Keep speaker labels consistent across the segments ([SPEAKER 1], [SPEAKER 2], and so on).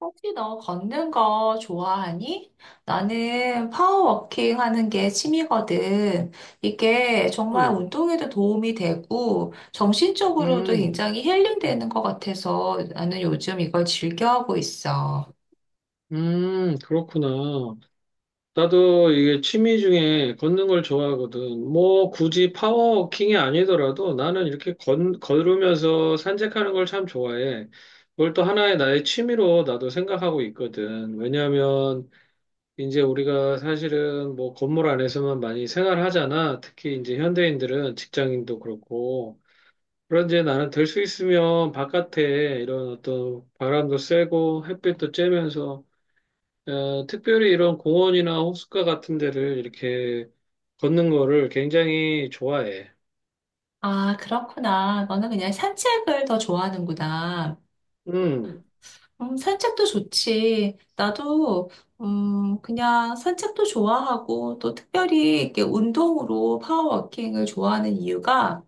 [SPEAKER 1] 혹시 너 걷는 거 좋아하니? 나는 파워워킹 하는 게 취미거든. 이게 정말
[SPEAKER 2] 음,
[SPEAKER 1] 운동에도 도움이 되고 정신적으로도
[SPEAKER 2] 음,
[SPEAKER 1] 굉장히 힐링되는 것 같아서 나는 요즘 이걸 즐겨하고 있어.
[SPEAKER 2] 그렇구나. 나도 이게 취미 중에 걷는 걸 좋아하거든. 뭐 굳이 파워워킹이 아니더라도 나는 이렇게 걸으면서 산책하는 걸 참 좋아해. 그걸 또 하나의 나의 취미로 나도 생각하고 있거든. 왜냐하면 이제 우리가 사실은 뭐 건물 안에서만 많이 생활하잖아. 특히 이제 현대인들은 직장인도 그렇고. 그런데 나는 될 수 있으면 바깥에 이런 어떤 바람도 쐬고 햇빛도 쬐면서 특별히 이런 공원이나 호숫가 같은 데를 이렇게 걷는 거를 굉장히 좋아해.
[SPEAKER 1] 아, 그렇구나. 너는 그냥 산책을 더 좋아하는구나.
[SPEAKER 2] 음,
[SPEAKER 1] 산책도 좋지. 나도 그냥 산책도 좋아하고 또 특별히 이렇게 운동으로 파워워킹을 좋아하는 이유가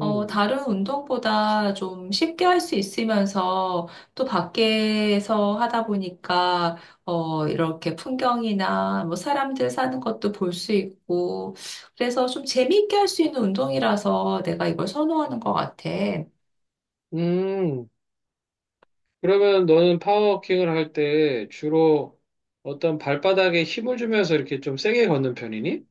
[SPEAKER 1] 다른 운동보다 좀 쉽게 할 수 있으면서 또 밖에서 하다 보니까, 이렇게 풍경이나 뭐 사람들 사는 것도 볼 수 있고, 그래서 좀 재미있게 할 수 있는 운동이라서 내가 이걸 선호하는 것 같아.
[SPEAKER 2] 음. 그러면 너는 파워워킹을 할 때 주로 어떤 발바닥에 힘을 주면서 이렇게 좀 세게 걷는 편이니?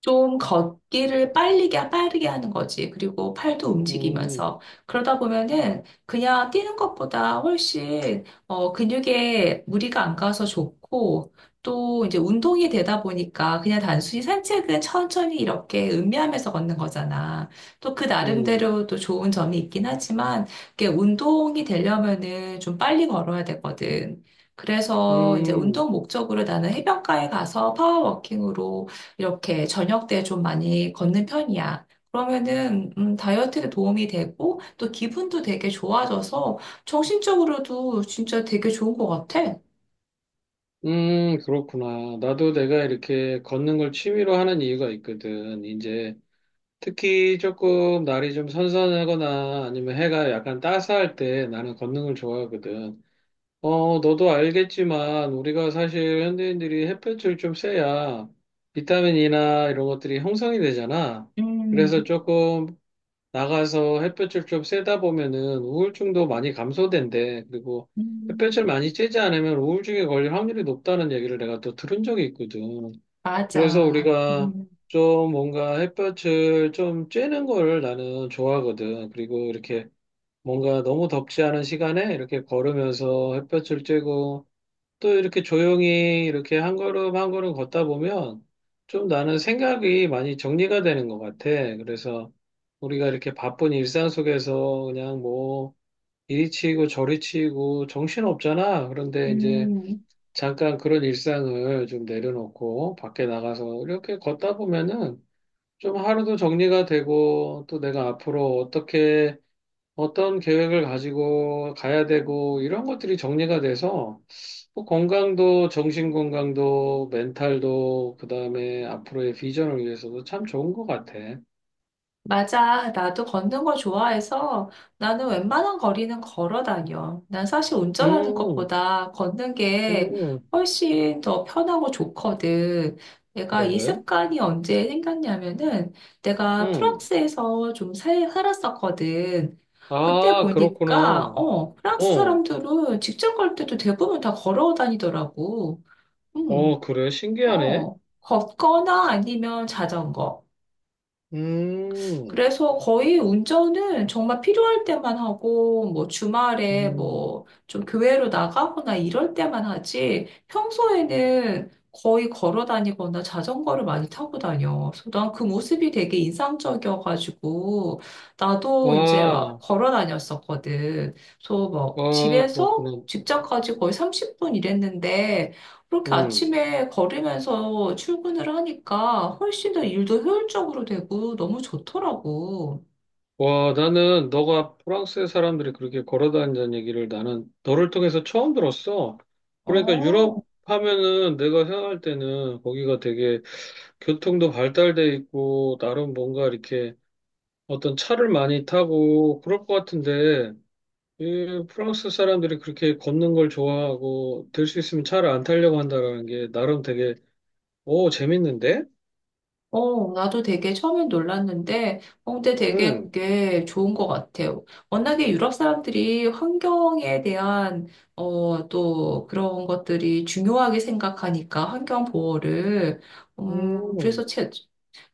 [SPEAKER 1] 좀 빠르게 하는 거지. 그리고 팔도
[SPEAKER 2] 음,
[SPEAKER 1] 움직이면서. 그러다 보면은 그냥 뛰는 것보다 훨씬, 근육에 무리가 안 가서 좋고, 또 이제 운동이 되다 보니까 그냥 단순히 산책은 천천히 이렇게 음미하면서 걷는 거잖아. 또 그
[SPEAKER 2] 음,
[SPEAKER 1] 나름대로 또 좋은 점이 있긴 하지만, 이게 운동이 되려면은 좀 빨리 걸어야 되거든. 그래서 이제
[SPEAKER 2] 음,
[SPEAKER 1] 운동 목적으로 나는 해변가에 가서 파워워킹으로 이렇게 저녁 때 좀 많이 걷는 편이야. 그러면은 다이어트에 도움이 되고 또 기분도 되게 좋아져서 정신적으로도 진짜 되게 좋은 것 같아.
[SPEAKER 2] 그렇구나. 나도 내가 이렇게 걷는 걸 취미로 하는 이유가 있거든. 이제 특히 조금 날이 좀 선선하거나 아니면 해가 약간 따스할 때 나는 걷는 걸 좋아하거든. 너도 알겠지만 우리가 사실 현대인들이 햇볕을 좀 쐬야 비타민이나 이런 것들이 형성이 되잖아. 그래서
[SPEAKER 1] 음,
[SPEAKER 2] 조금 나가서 햇볕을 좀 쐬다 보면은 우울증도 많이 감소된대. 그리고
[SPEAKER 1] 음,
[SPEAKER 2] 햇볕을 많이 쬐지 않으면 우울증에 걸릴 확률이 높다는 얘기를 내가 또 들은 적이 있거든. 그래서
[SPEAKER 1] 맞아.
[SPEAKER 2] 우리가 좀 뭔가 햇볕을 좀 쬐는 거를 나는 좋아하거든. 그리고 이렇게 뭔가 너무 덥지 않은 시간에 이렇게 걸으면서 햇볕을 쬐고 또 이렇게 조용히 이렇게 한 걸음 한 걸음 걷다 보면 좀 나는 생각이 많이 정리가 되는 것 같아. 그래서 우리가 이렇게 바쁜 일상 속에서 그냥 뭐 이리 치이고 저리 치이고 정신 없잖아. 그런데 이제
[SPEAKER 1] 음.
[SPEAKER 2] 잠깐 그런 일상을 좀 내려놓고 밖에 나가서 이렇게 걷다 보면은 좀 하루도 정리가 되고 또 내가 앞으로 어떻게 어떤 계획을 가지고 가야 되고 이런 것들이 정리가 돼서 뭐 건강도 정신 건강도 멘탈도 그다음에 앞으로의 비전을 위해서도 참 좋은 것 같아.
[SPEAKER 1] 맞아. 나도 걷는 걸 좋아해서 나는 웬만한 거리는 걸어 다녀. 난 사실 운전하는
[SPEAKER 2] 음,
[SPEAKER 1] 것보다 걷는 게
[SPEAKER 2] 음,
[SPEAKER 1] 훨씬 더 편하고 좋거든. 내가 이
[SPEAKER 2] 그래.
[SPEAKER 1] 습관이 언제 생겼냐면은 내가
[SPEAKER 2] 음.
[SPEAKER 1] 프랑스에서 좀 살았었거든. 그때
[SPEAKER 2] 아,
[SPEAKER 1] 보니까,
[SPEAKER 2] 그렇구나.
[SPEAKER 1] 프랑스
[SPEAKER 2] 어,
[SPEAKER 1] 사람들은 직장 갈 때도 대부분 다 걸어 다니더라고. 음,
[SPEAKER 2] 어, 그래. 신기하네.
[SPEAKER 1] 어, 걷거나 아니면 자전거.
[SPEAKER 2] 음.
[SPEAKER 1] 그래서 거의 운전은 정말 필요할 때만 하고, 뭐 주말에
[SPEAKER 2] 음.
[SPEAKER 1] 뭐 좀 교회로 나가거나 이럴 때만 하지, 평소에는 거의 걸어 다니거나 자전거를 많이 타고 다녀. 그래서 난 그 모습이 되게 인상적이어가지고, 나도 이제 막
[SPEAKER 2] 와,
[SPEAKER 1] 걸어 다녔었거든. 그래서 막
[SPEAKER 2] 와,
[SPEAKER 1] 집에서
[SPEAKER 2] 그렇구나.
[SPEAKER 1] 직장까지 거의 30분 일했는데, 그렇게
[SPEAKER 2] 음.
[SPEAKER 1] 아침에 걸으면서 출근을 하니까 훨씬 더 일도 효율적으로 되고 너무 좋더라고.
[SPEAKER 2] 와, 나는 너가 프랑스의 사람들이 그렇게 걸어 다닌다는 얘기를 나는 너를 통해서 처음 들었어. 그러니까
[SPEAKER 1] 어,
[SPEAKER 2] 유럽 하면은 내가 생각할 때는 거기가 되게 교통도 발달돼 있고 나름 뭔가 이렇게 어떤 차를 많이 타고 그럴 것 같은데 이 프랑스 사람들이 그렇게 걷는 걸 좋아하고 될 수 있으면 차를 안 타려고 한다라는 게 나름 되게 오 재밌는데?
[SPEAKER 1] 어, 나도 되게 처음엔 놀랐는데, 근데 되게
[SPEAKER 2] 응.
[SPEAKER 1] 그게 좋은 것 같아요. 워낙에 유럽 사람들이 환경에 대한, 또 그런 것들이 중요하게 생각하니까, 환경 보호를. 음, 그래서
[SPEAKER 2] 음.
[SPEAKER 1] 제,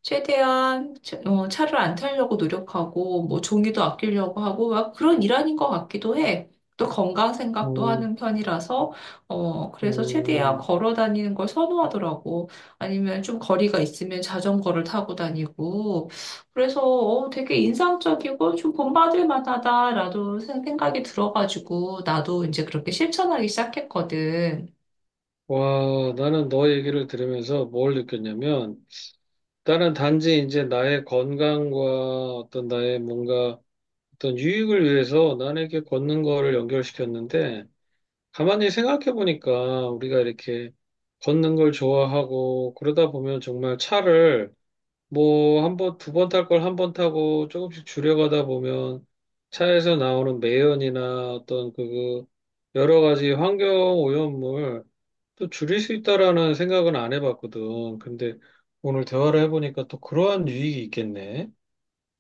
[SPEAKER 1] 최대한 차를 안 타려고 노력하고 뭐 종이도 아끼려고 하고 막 그런 일환인 것 같기도 해. 또 건강 생각도
[SPEAKER 2] 음.
[SPEAKER 1] 하는 편이라서 어 그래서 최대한
[SPEAKER 2] 음,
[SPEAKER 1] 걸어 다니는 걸 선호하더라고. 아니면 좀 거리가 있으면 자전거를 타고 다니고 그래서 되게 인상적이고 좀 본받을 만하다라도 생각이 들어가지고 나도 이제 그렇게 실천하기 시작했거든.
[SPEAKER 2] 와, 나는 너 얘기를 들으면서 뭘 느꼈냐면, 나는 단지 이제 나의 건강과 어떤 나의 뭔가 어떤 유익을 위해서 남에게 걷는 거를 연결시켰는데, 가만히 생각해 보니까 우리가 이렇게 걷는 걸 좋아하고, 그러다 보면 정말 차를 뭐 한 번, 두 번 탈 걸 한 번 타고 조금씩 줄여가다 보면 차에서 나오는 매연이나 어떤 그 여러 가지 환경 오염물, 또 줄일 수 있다라는 생각은 안 해봤거든. 근데 오늘 대화를 해보니까 또 그러한 유익이 있겠네.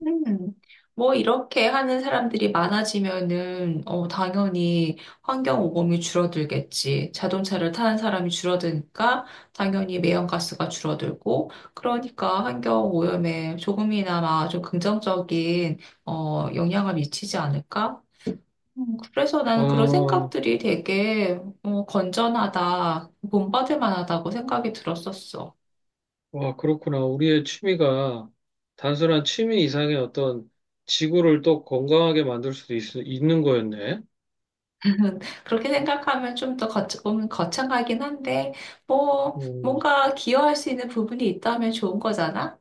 [SPEAKER 1] 음, 뭐 이렇게 하는 사람들이 많아지면은 당연히 환경 오염이 줄어들겠지. 자동차를 타는 사람이 줄어드니까 당연히 매연가스가 줄어들고 그러니까 환경 오염에 조금이나마 좀 긍정적인 영향을 미치지 않을까? 그래서 나는 그런
[SPEAKER 2] 아,
[SPEAKER 1] 생각들이 되게 건전하다, 본받을 만하다고 생각이 들었었어.
[SPEAKER 2] 와, 그렇구나. 우리의 취미가 단순한 취미 이상의 어떤 지구를 또 건강하게 만들 수도 있는 거였네.
[SPEAKER 1] 그렇게 생각하면 좀 더 거창하긴 한데,
[SPEAKER 2] 음,
[SPEAKER 1] 뭔가 기여할 수 있는 부분이 있다면 좋은 거잖아?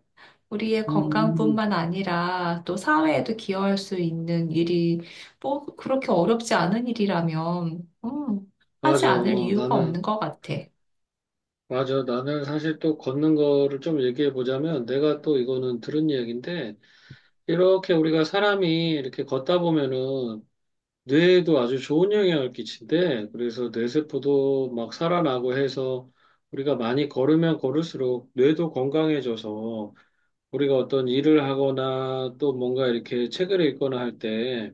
[SPEAKER 1] 우리의
[SPEAKER 2] 음.
[SPEAKER 1] 건강뿐만 아니라 또 사회에도 기여할 수 있는 일이 뭐 그렇게 어렵지 않은 일이라면, 하지
[SPEAKER 2] 맞아.
[SPEAKER 1] 않을 이유가 없는
[SPEAKER 2] 나는,
[SPEAKER 1] 것 같아.
[SPEAKER 2] 맞아. 나는 사실 또 걷는 거를 좀 얘기해 보자면 내가 또 이거는 들은 이야기인데 이렇게 우리가 사람이 이렇게 걷다 보면은 뇌에도 아주 좋은 영향을 끼친대. 그래서 뇌세포도 막 살아나고 해서 우리가 많이 걸으면 걸을수록 뇌도 건강해져서 우리가 어떤 일을 하거나 또 뭔가 이렇게 책을 읽거나 할 때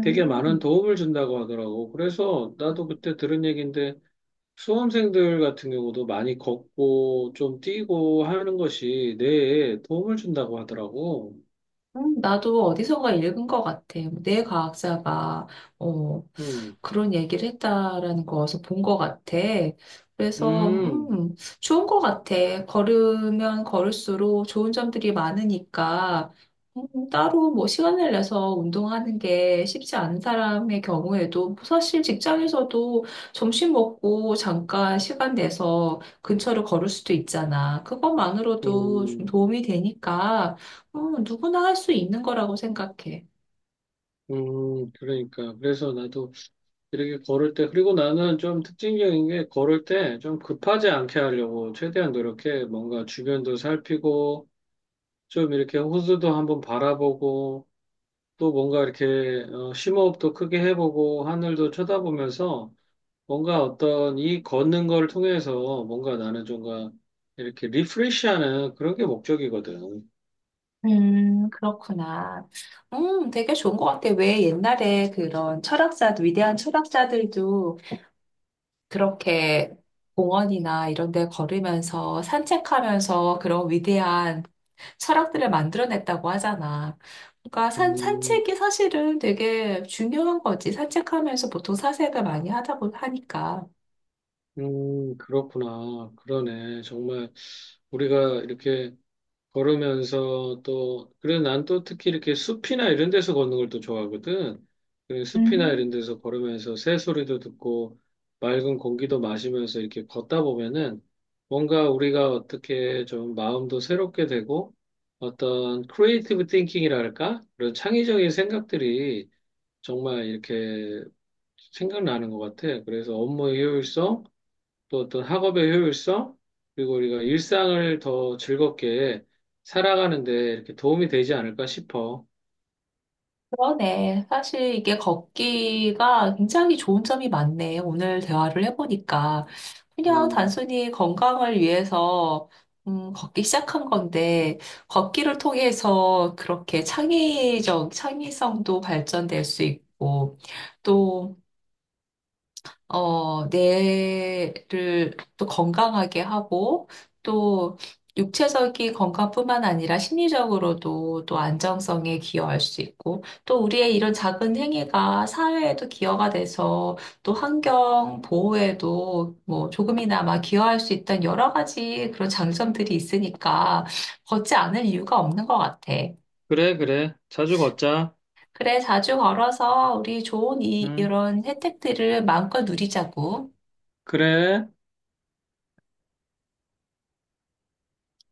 [SPEAKER 2] 되게 많은 도움을 준다고 하더라고. 그래서 나도 그때 들은 얘기인데 수험생들 같은 경우도 많이 걷고 좀 뛰고 하는 것이 뇌에 도움을 준다고 하더라고.
[SPEAKER 1] 나도 어디선가 읽은 것 같아. 내 과학자가 어,
[SPEAKER 2] 음,
[SPEAKER 1] 그런 얘기를 했다라는 거 어디서 본 것 같아. 그래서
[SPEAKER 2] 음,
[SPEAKER 1] 좋은 것 같아. 걸으면 걸을수록 좋은 점들이 많으니까 따로 뭐 시간을 내서 운동하는 게 쉽지 않은 사람의 경우에도 사실 직장에서도 점심 먹고 잠깐 시간 내서 근처를 걸을 수도 있잖아. 그것만으로도 좀
[SPEAKER 2] 음,
[SPEAKER 1] 도움이 되니까. 누구나 할 수 있는 거라고 생각해.
[SPEAKER 2] 그러니까. 그래서 나도 이렇게 걸을 때, 그리고 나는 좀 특징적인 게 걸을 때 좀 급하지 않게 하려고 최대한 노력해. 뭔가 주변도 살피고, 좀 이렇게 호수도 한번 바라보고, 또 뭔가 이렇게 심호흡도 크게 해보고, 하늘도 쳐다보면서 뭔가 어떤 이 걷는 걸 통해서 뭔가 나는 좀가 이렇게 리프레시하는 그런 게 목적이거든.
[SPEAKER 1] 그렇구나. 되게 좋은 것 같아. 왜 옛날에 그런 철학자들, 위대한 철학자들도 그렇게 공원이나 이런 데 걸으면서 산책하면서 그런 위대한 철학들을 만들어냈다고 하잖아. 그러니까
[SPEAKER 2] 음,
[SPEAKER 1] 산책이 사실은 되게 중요한 거지. 산책하면서 보통 사색을 많이 하다 보니까.
[SPEAKER 2] 그렇구나. 그러네. 정말 우리가 이렇게 걸으면서 또, 그래서 난 또 특히 이렇게 숲이나 이런 데서 걷는 걸 또 좋아하거든. 그래서 숲이나 이런 데서 걸으면서 새소리도 듣고 맑은 공기도 마시면서 이렇게 걷다 보면은 뭔가 우리가 어떻게 좀 마음도 새롭게 되고 어떤 크리에이티브 띵킹이랄까? 그런 창의적인 생각들이 정말 이렇게 생각나는 것 같아. 그래서 업무의 효율성, 또 어떤 학업의 효율성, 그리고 우리가 일상을 더 즐겁게 살아가는데 이렇게 도움이 되지 않을까 싶어.
[SPEAKER 1] 그러네. 사실 이게 걷기가 굉장히 좋은 점이 많네. 오늘 대화를 해보니까. 그냥
[SPEAKER 2] 음,
[SPEAKER 1] 단순히 건강을 위해서, 걷기 시작한 건데, 걷기를 통해서 그렇게 창의성도 발전될 수 있고, 또, 뇌를 또 건강하게 하고, 또 육체적인 건강뿐만 아니라 심리적으로도 또 안정성에 기여할 수 있고, 또 우리의 이런 작은 행위가 사회에도 기여가 돼서 또 환경 보호에도 뭐 조금이나마 기여할 수 있다는 여러 가지 그런 장점들이 있으니까 걷지 않을 이유가 없는 것 같아.
[SPEAKER 2] 그래, 그래. 자주 걷자.
[SPEAKER 1] 그래, 자주 걸어서 우리 좋은
[SPEAKER 2] 응,
[SPEAKER 1] 이런 혜택들을 마음껏 누리자고.
[SPEAKER 2] 그래.